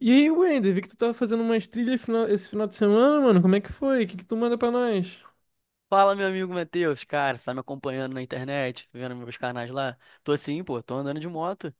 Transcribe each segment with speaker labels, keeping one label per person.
Speaker 1: E aí, Wender, vi que tu tava fazendo umas trilhas esse final de semana, mano. Como é que foi? O que que tu manda pra nós?
Speaker 2: Fala, meu amigo Matheus, cara, você tá me acompanhando na internet, vendo meus canais lá? Tô assim, pô, tô andando de moto.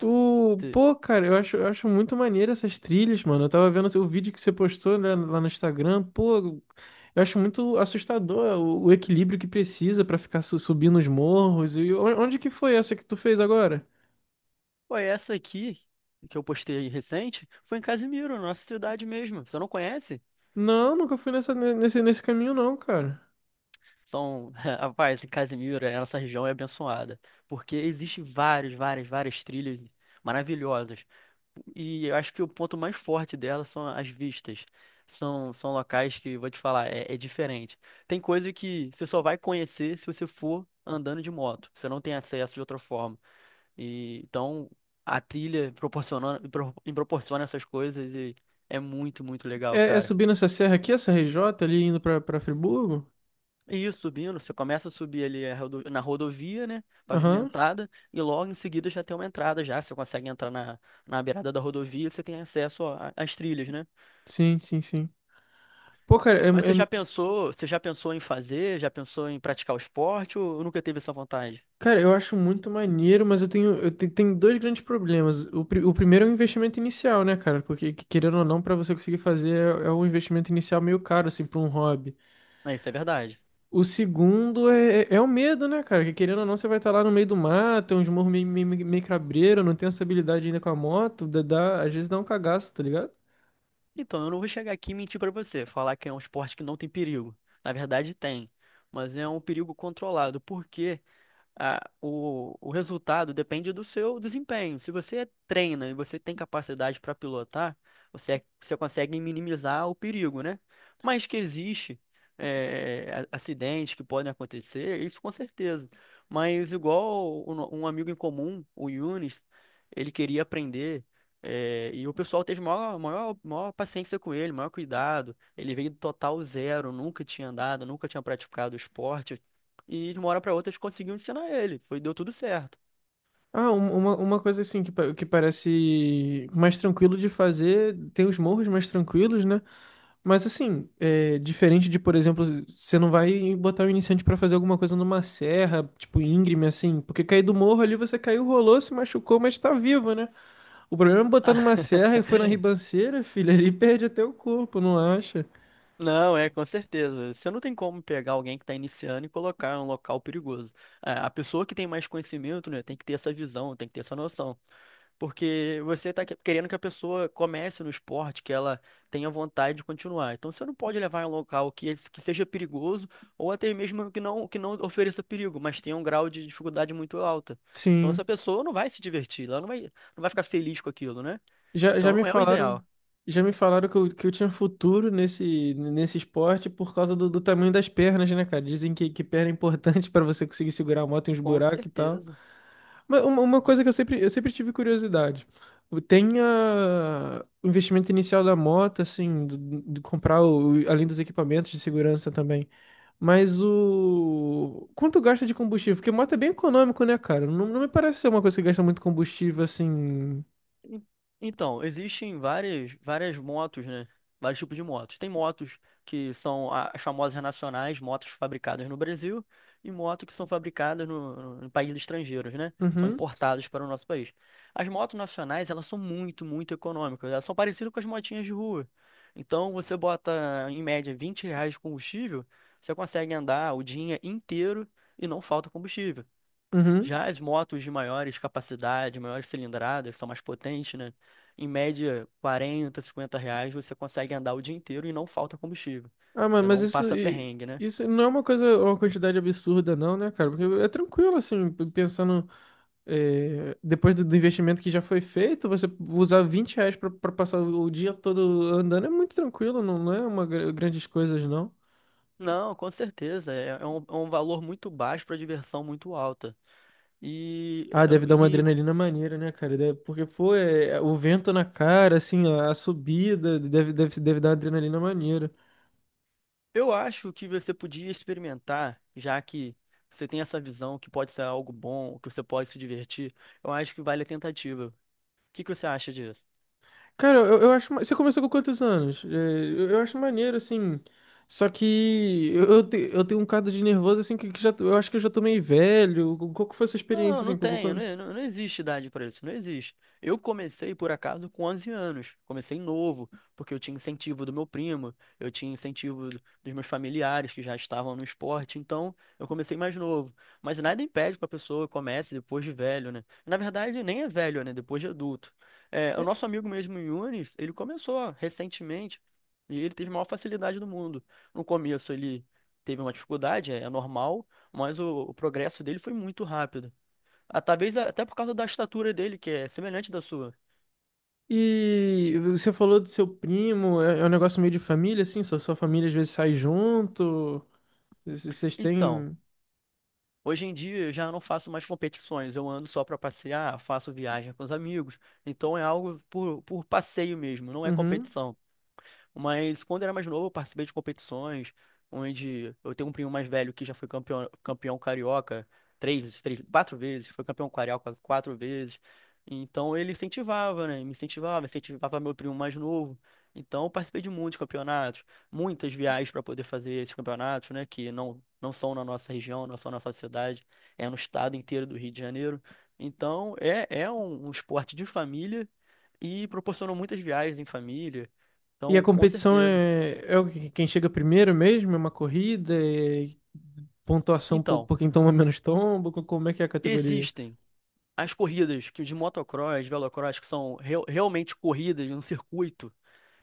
Speaker 2: Te-
Speaker 1: Pô, cara, eu acho muito maneiro essas trilhas, mano. Eu tava vendo o vídeo que você postou, né, lá no Instagram. Pô, eu acho muito assustador o equilíbrio que precisa pra ficar subindo os morros. E onde que foi essa que tu fez agora?
Speaker 2: Pô, essa aqui que eu postei recente foi em Casimiro, nossa cidade mesmo. Você não conhece?
Speaker 1: Não, nunca fui nesse caminho, não, cara.
Speaker 2: São, rapaz, em Casimiro, é, a nossa região é abençoada, porque existe várias trilhas maravilhosas. E eu acho que o ponto mais forte dela são as vistas. São locais que, vou te falar, é, é diferente. Tem coisa que você só vai conhecer se você for andando de moto. Você não tem acesso de outra forma. E, então, a trilha proporciona essas coisas e é muito, muito legal,
Speaker 1: É
Speaker 2: cara.
Speaker 1: subindo essa serra aqui, essa RJ ali indo pra Friburgo?
Speaker 2: E isso, subindo, você começa a subir ali a na rodovia, né,
Speaker 1: Aham,
Speaker 2: pavimentada, e logo em seguida já tem uma entrada já, você consegue entrar na beirada da rodovia, você tem acesso às trilhas, né?
Speaker 1: sim, sim, sim. Pô, cara, é,
Speaker 2: Mas
Speaker 1: é
Speaker 2: você já pensou em fazer, já pensou em praticar o esporte ou nunca teve essa vontade?
Speaker 1: cara, eu acho muito maneiro, mas eu tenho, eu te- tenho dois grandes problemas. O primeiro é o investimento inicial, né, cara? Porque, querendo ou não, pra você conseguir fazer, é um investimento inicial meio caro, assim, pra um hobby.
Speaker 2: É, isso é verdade.
Speaker 1: O segundo é o medo, né, cara? Que, querendo ou não, você vai estar lá no meio do mato, tem uns morros meio cabreiro, não tem essa habilidade ainda com a moto, às vezes dá um cagaço, tá ligado?
Speaker 2: Então, eu não vou chegar aqui e mentir pra você, falar que é um esporte que não tem perigo. Na verdade, tem, mas é um perigo controlado. Porque o resultado depende do seu desempenho. Se você treina e você tem capacidade para pilotar, você, é, você consegue minimizar o perigo, né? Mas que existe acidentes que podem acontecer, isso com certeza. Mas igual o no- um amigo em comum, o Yunis, ele queria aprender. E o pessoal teve maior paciência com ele, maior cuidado. Ele veio do total zero, nunca tinha andado, nunca tinha praticado esporte e de uma hora pra outra eles conseguiam ensinar ele. Foi, deu tudo certo.
Speaker 1: Ah, uma coisa assim que, que parece mais tranquilo de fazer, tem os morros mais tranquilos, né? Mas assim, é, diferente de, por exemplo, você não vai botar o iniciante pra fazer alguma coisa numa serra, tipo íngreme, assim, porque cair do morro ali você caiu, rolou, se machucou, mas tá vivo, né? O problema é botar numa serra e foi na ribanceira, filho, ali perde até o corpo, não acha?
Speaker 2: Não, é, com certeza. Você não tem como pegar alguém que está iniciando e colocar em um local perigoso. É, a pessoa que tem mais conhecimento, né, tem que ter essa visão, tem que ter essa noção. Porque você está querendo que a pessoa comece no esporte, que ela tenha vontade de continuar. Então você não pode levar em um local que, que seja perigoso ou até mesmo que não ofereça perigo, mas tenha um grau de dificuldade muito alta. Então essa
Speaker 1: Sim.
Speaker 2: pessoa não vai se divertir, ela não vai ficar feliz com aquilo, né?
Speaker 1: Já, já
Speaker 2: Então
Speaker 1: me
Speaker 2: não é o
Speaker 1: falaram,
Speaker 2: ideal,
Speaker 1: já me falaram que que eu tinha futuro nesse esporte por causa do tamanho das pernas, né, cara? Dizem que perna é importante para você conseguir segurar a moto em uns
Speaker 2: com
Speaker 1: buracos e tal.
Speaker 2: certeza.
Speaker 1: Mas uma coisa
Speaker 2: Mas-
Speaker 1: que eu sempre tive curiosidade. Tem o investimento inicial da moto, assim, de comprar além dos equipamentos de segurança também. Mas o. Quanto gasta de combustível? Porque moto é bem econômico, né, cara? Não me parece ser uma coisa que gasta muito combustível, assim.
Speaker 2: en- Então, existem várias motos, né? Vários tipos de motos. Tem motos que são as famosas nacionais, motos fabricadas no Brasil, e motos que são fabricadas no, no, em países estrangeiros, né? São
Speaker 1: Uhum.
Speaker 2: importadas para o nosso país. As motos nacionais, elas são muito, muito econômicas. Elas são parecidas com as motinhas de rua. Então, você bota, em média, R$ 20 de combustível, você consegue andar o dia inteiro e não falta combustível.
Speaker 1: Uhum.
Speaker 2: Já as motos de maiores capacidade, maiores cilindradas, são mais potentes, né? Em média, 40, R$ 50 você consegue andar o dia inteiro e não falta combustível.
Speaker 1: Ah, mano,
Speaker 2: Você
Speaker 1: mas
Speaker 2: não
Speaker 1: isso,
Speaker 2: passa perrengue, né?
Speaker 1: isso não é uma coisa, uma quantidade absurda, não, né, cara? Porque é tranquilo, assim, pensando, depois do investimento que já foi feito, você usar R$ 20 pra passar o dia todo andando é muito tranquilo, não é grandes coisas, não.
Speaker 2: Não, com certeza. É um valor muito baixo para diversão muito alta. E,
Speaker 1: Ah, deve
Speaker 2: eu-
Speaker 1: dar uma
Speaker 2: e
Speaker 1: adrenalina maneira, né, cara? Porque, pô, é o vento na cara, assim, a subida, deve dar uma adrenalina maneira.
Speaker 2: eu acho que você podia experimentar, já que você tem essa visão que pode ser algo bom, que você pode se divertir. Eu acho que vale a tentativa. O que que você acha disso?
Speaker 1: Cara, eu acho. Você começou com quantos anos? É, eu acho maneiro, assim. Só que eu tenho um caso de nervoso, assim, que, eu acho que eu já tô meio velho. Qual que foi a sua experiência,
Speaker 2: Não,
Speaker 1: assim?
Speaker 2: não tenho, não, existe idade para isso, não existe. Eu comecei, por acaso, com 11 anos, comecei novo, porque eu tinha incentivo do meu primo, eu tinha incentivo dos meus familiares que já estavam no esporte, então eu comecei mais novo. Mas nada impede que a pessoa comece depois de velho, né? Na verdade, nem é velho, né? Depois de adulto. É, o
Speaker 1: É,
Speaker 2: nosso amigo mesmo, Yunis, ele começou recentemente e ele teve a maior facilidade do mundo. No começo ele teve uma dificuldade, é, é normal, mas o progresso dele foi muito rápido. Ah, talvez até por causa da estatura dele, que é semelhante da sua.
Speaker 1: E você falou do seu primo, é um negócio meio de família, assim? Sua família às vezes sai junto. Vocês
Speaker 2: Então,
Speaker 1: têm.
Speaker 2: hoje em dia eu já não faço mais competições, eu ando só para passear, faço viagem com os amigos. Então é algo por passeio mesmo, não é
Speaker 1: Uhum.
Speaker 2: competição. Mas quando eu era mais novo, eu participei de competições onde eu tenho um primo mais velho que já foi campeão carioca 4 vezes, foi campeão carioca 4 vezes. Então ele incentivava, né? Me incentivava, incentivava meu primo mais novo. Então eu participei de muitos campeonatos, muitas viagens para poder fazer esses campeonatos, né? Que não, não são na nossa região, não são na nossa cidade, é no estado inteiro do Rio de Janeiro. Então é, é um esporte de família e proporcionou muitas viagens em família.
Speaker 1: E a
Speaker 2: Então, com
Speaker 1: competição
Speaker 2: certeza.
Speaker 1: é quem chega primeiro mesmo? É uma corrida? É pontuação
Speaker 2: Então,
Speaker 1: por quem toma menos tombo? Como é que é a categoria?
Speaker 2: existem as corridas que de motocross, velocross, que são realmente corridas no circuito,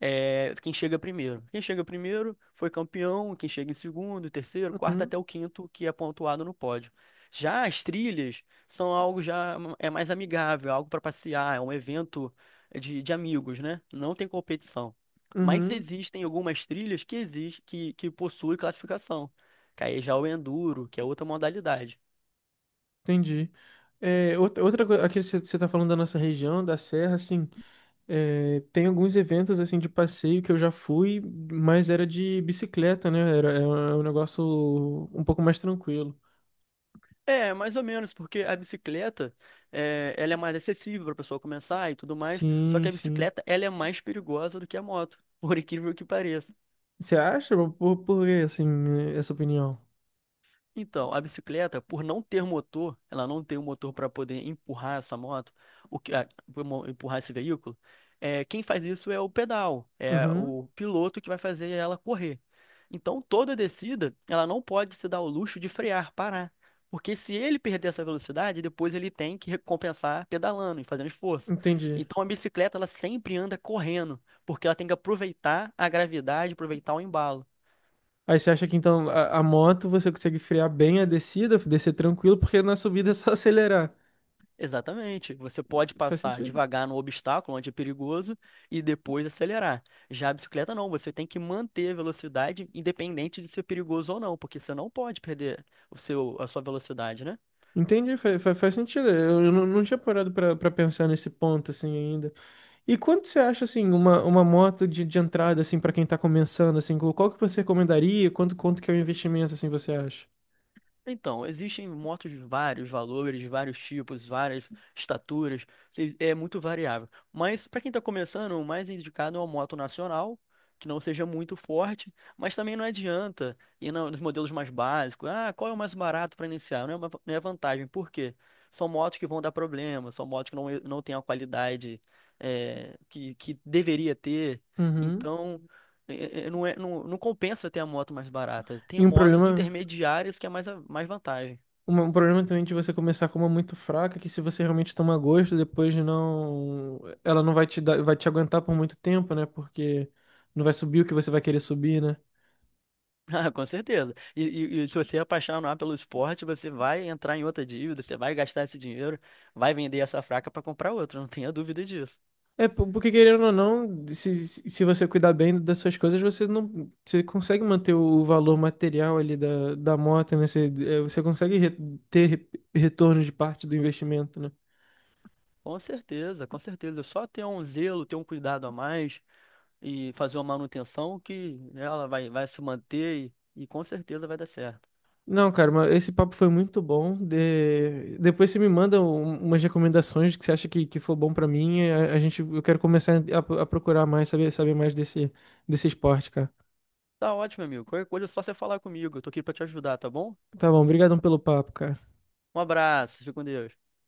Speaker 2: é quem chega primeiro. Quem chega primeiro foi campeão, quem chega em segundo, terceiro, quarto até
Speaker 1: Uhum.
Speaker 2: o quinto, que é pontuado no pódio. Já as trilhas são algo já é mais amigável, é algo para passear, é um evento de amigos, né? Não tem competição. Mas
Speaker 1: Uhum.
Speaker 2: existem algumas trilhas que existe, que possuem classificação que aí já é o enduro, que é outra modalidade.
Speaker 1: Entendi. É, outra coisa, aqui você está falando da nossa região, da Serra, assim, tem alguns eventos, assim, de passeio que eu já fui, mas era de bicicleta, né? Era, é um negócio um pouco mais tranquilo.
Speaker 2: É, mais ou menos, porque a bicicleta, é, ela é mais acessível para a pessoa começar e tudo mais, só que
Speaker 1: Sim,
Speaker 2: a
Speaker 1: sim.
Speaker 2: bicicleta, ela é mais perigosa do que a moto, por incrível que pareça.
Speaker 1: Você acha? Por que, assim, essa opinião?
Speaker 2: Então, a bicicleta, por não ter motor, ela não tem um motor para poder empurrar essa moto, o que, empurrar esse veículo. É, quem faz isso é o pedal, é
Speaker 1: Uhum,
Speaker 2: o piloto que vai fazer ela correr. Então, toda descida, ela não pode se dar o luxo de frear, parar, porque se ele perder essa velocidade, depois ele tem que recompensar pedalando e fazendo esforço.
Speaker 1: entendi.
Speaker 2: Então, a bicicleta, ela sempre anda correndo, porque ela tem que aproveitar a gravidade, aproveitar o embalo.
Speaker 1: Aí você acha que, então, a moto você consegue frear bem a descida, descer tranquilo, porque na subida é só acelerar.
Speaker 2: Exatamente. Você pode
Speaker 1: Faz
Speaker 2: passar
Speaker 1: sentido.
Speaker 2: devagar no obstáculo, onde é perigoso, e depois acelerar. Já a bicicleta não, você tem que manter a velocidade independente de ser perigoso ou não, porque você não pode perder a sua velocidade, né?
Speaker 1: Entendi, faz sentido. Eu não, tinha parado pra pensar nesse ponto assim ainda. E quanto você acha assim uma moto de entrada assim para quem tá começando assim, qual que você recomendaria? Quanto que é o investimento assim você acha?
Speaker 2: Então, existem motos de vários valores, de vários tipos, várias estaturas, é muito variável. Mas para quem está começando, o mais indicado é uma moto nacional, que não seja muito forte, mas também não adianta ir nos modelos mais básicos. Ah, qual é o mais barato para iniciar? Não é, não é vantagem, por quê? São motos que vão dar problema, são motos que não, não têm a qualidade que deveria ter.
Speaker 1: Uhum.
Speaker 2: Então. Não, é, não compensa ter a moto mais barata. Tem
Speaker 1: E um
Speaker 2: motos
Speaker 1: problema
Speaker 2: intermediárias que é mais vantagem.
Speaker 1: Um problema também de você começar com uma muito fraca, que se você realmente tomar gosto, depois não. Ela não vai te dar, vai te aguentar por muito tempo, né? Porque não vai subir o que você vai querer subir, né?
Speaker 2: Ah, com certeza. E se você apaixonar pelo esporte, você vai entrar em outra dívida, você vai gastar esse dinheiro, vai vender essa fraca para comprar outra, não tenha dúvida disso.
Speaker 1: É, porque querendo ou não, se você cuidar bem das suas coisas, você não. Você consegue manter o valor material ali da moto, né? Você consegue ter re- retorno de parte do investimento, né?
Speaker 2: Com certeza, com certeza. É só ter um zelo, ter um cuidado a mais e fazer uma manutenção que né, ela vai se manter e com certeza vai dar certo.
Speaker 1: Não, cara, mas esse papo foi muito bom. Depois você me manda umas recomendações que você acha que for bom pra mim. Eu quero começar a procurar mais, saber mais desse esporte, cara.
Speaker 2: Tá ótimo, amigo. Qualquer coisa é só você falar comigo. Eu tô aqui para te ajudar, tá bom?
Speaker 1: Tá bom, obrigadão pelo papo, cara.
Speaker 2: Um abraço, fica com Deus.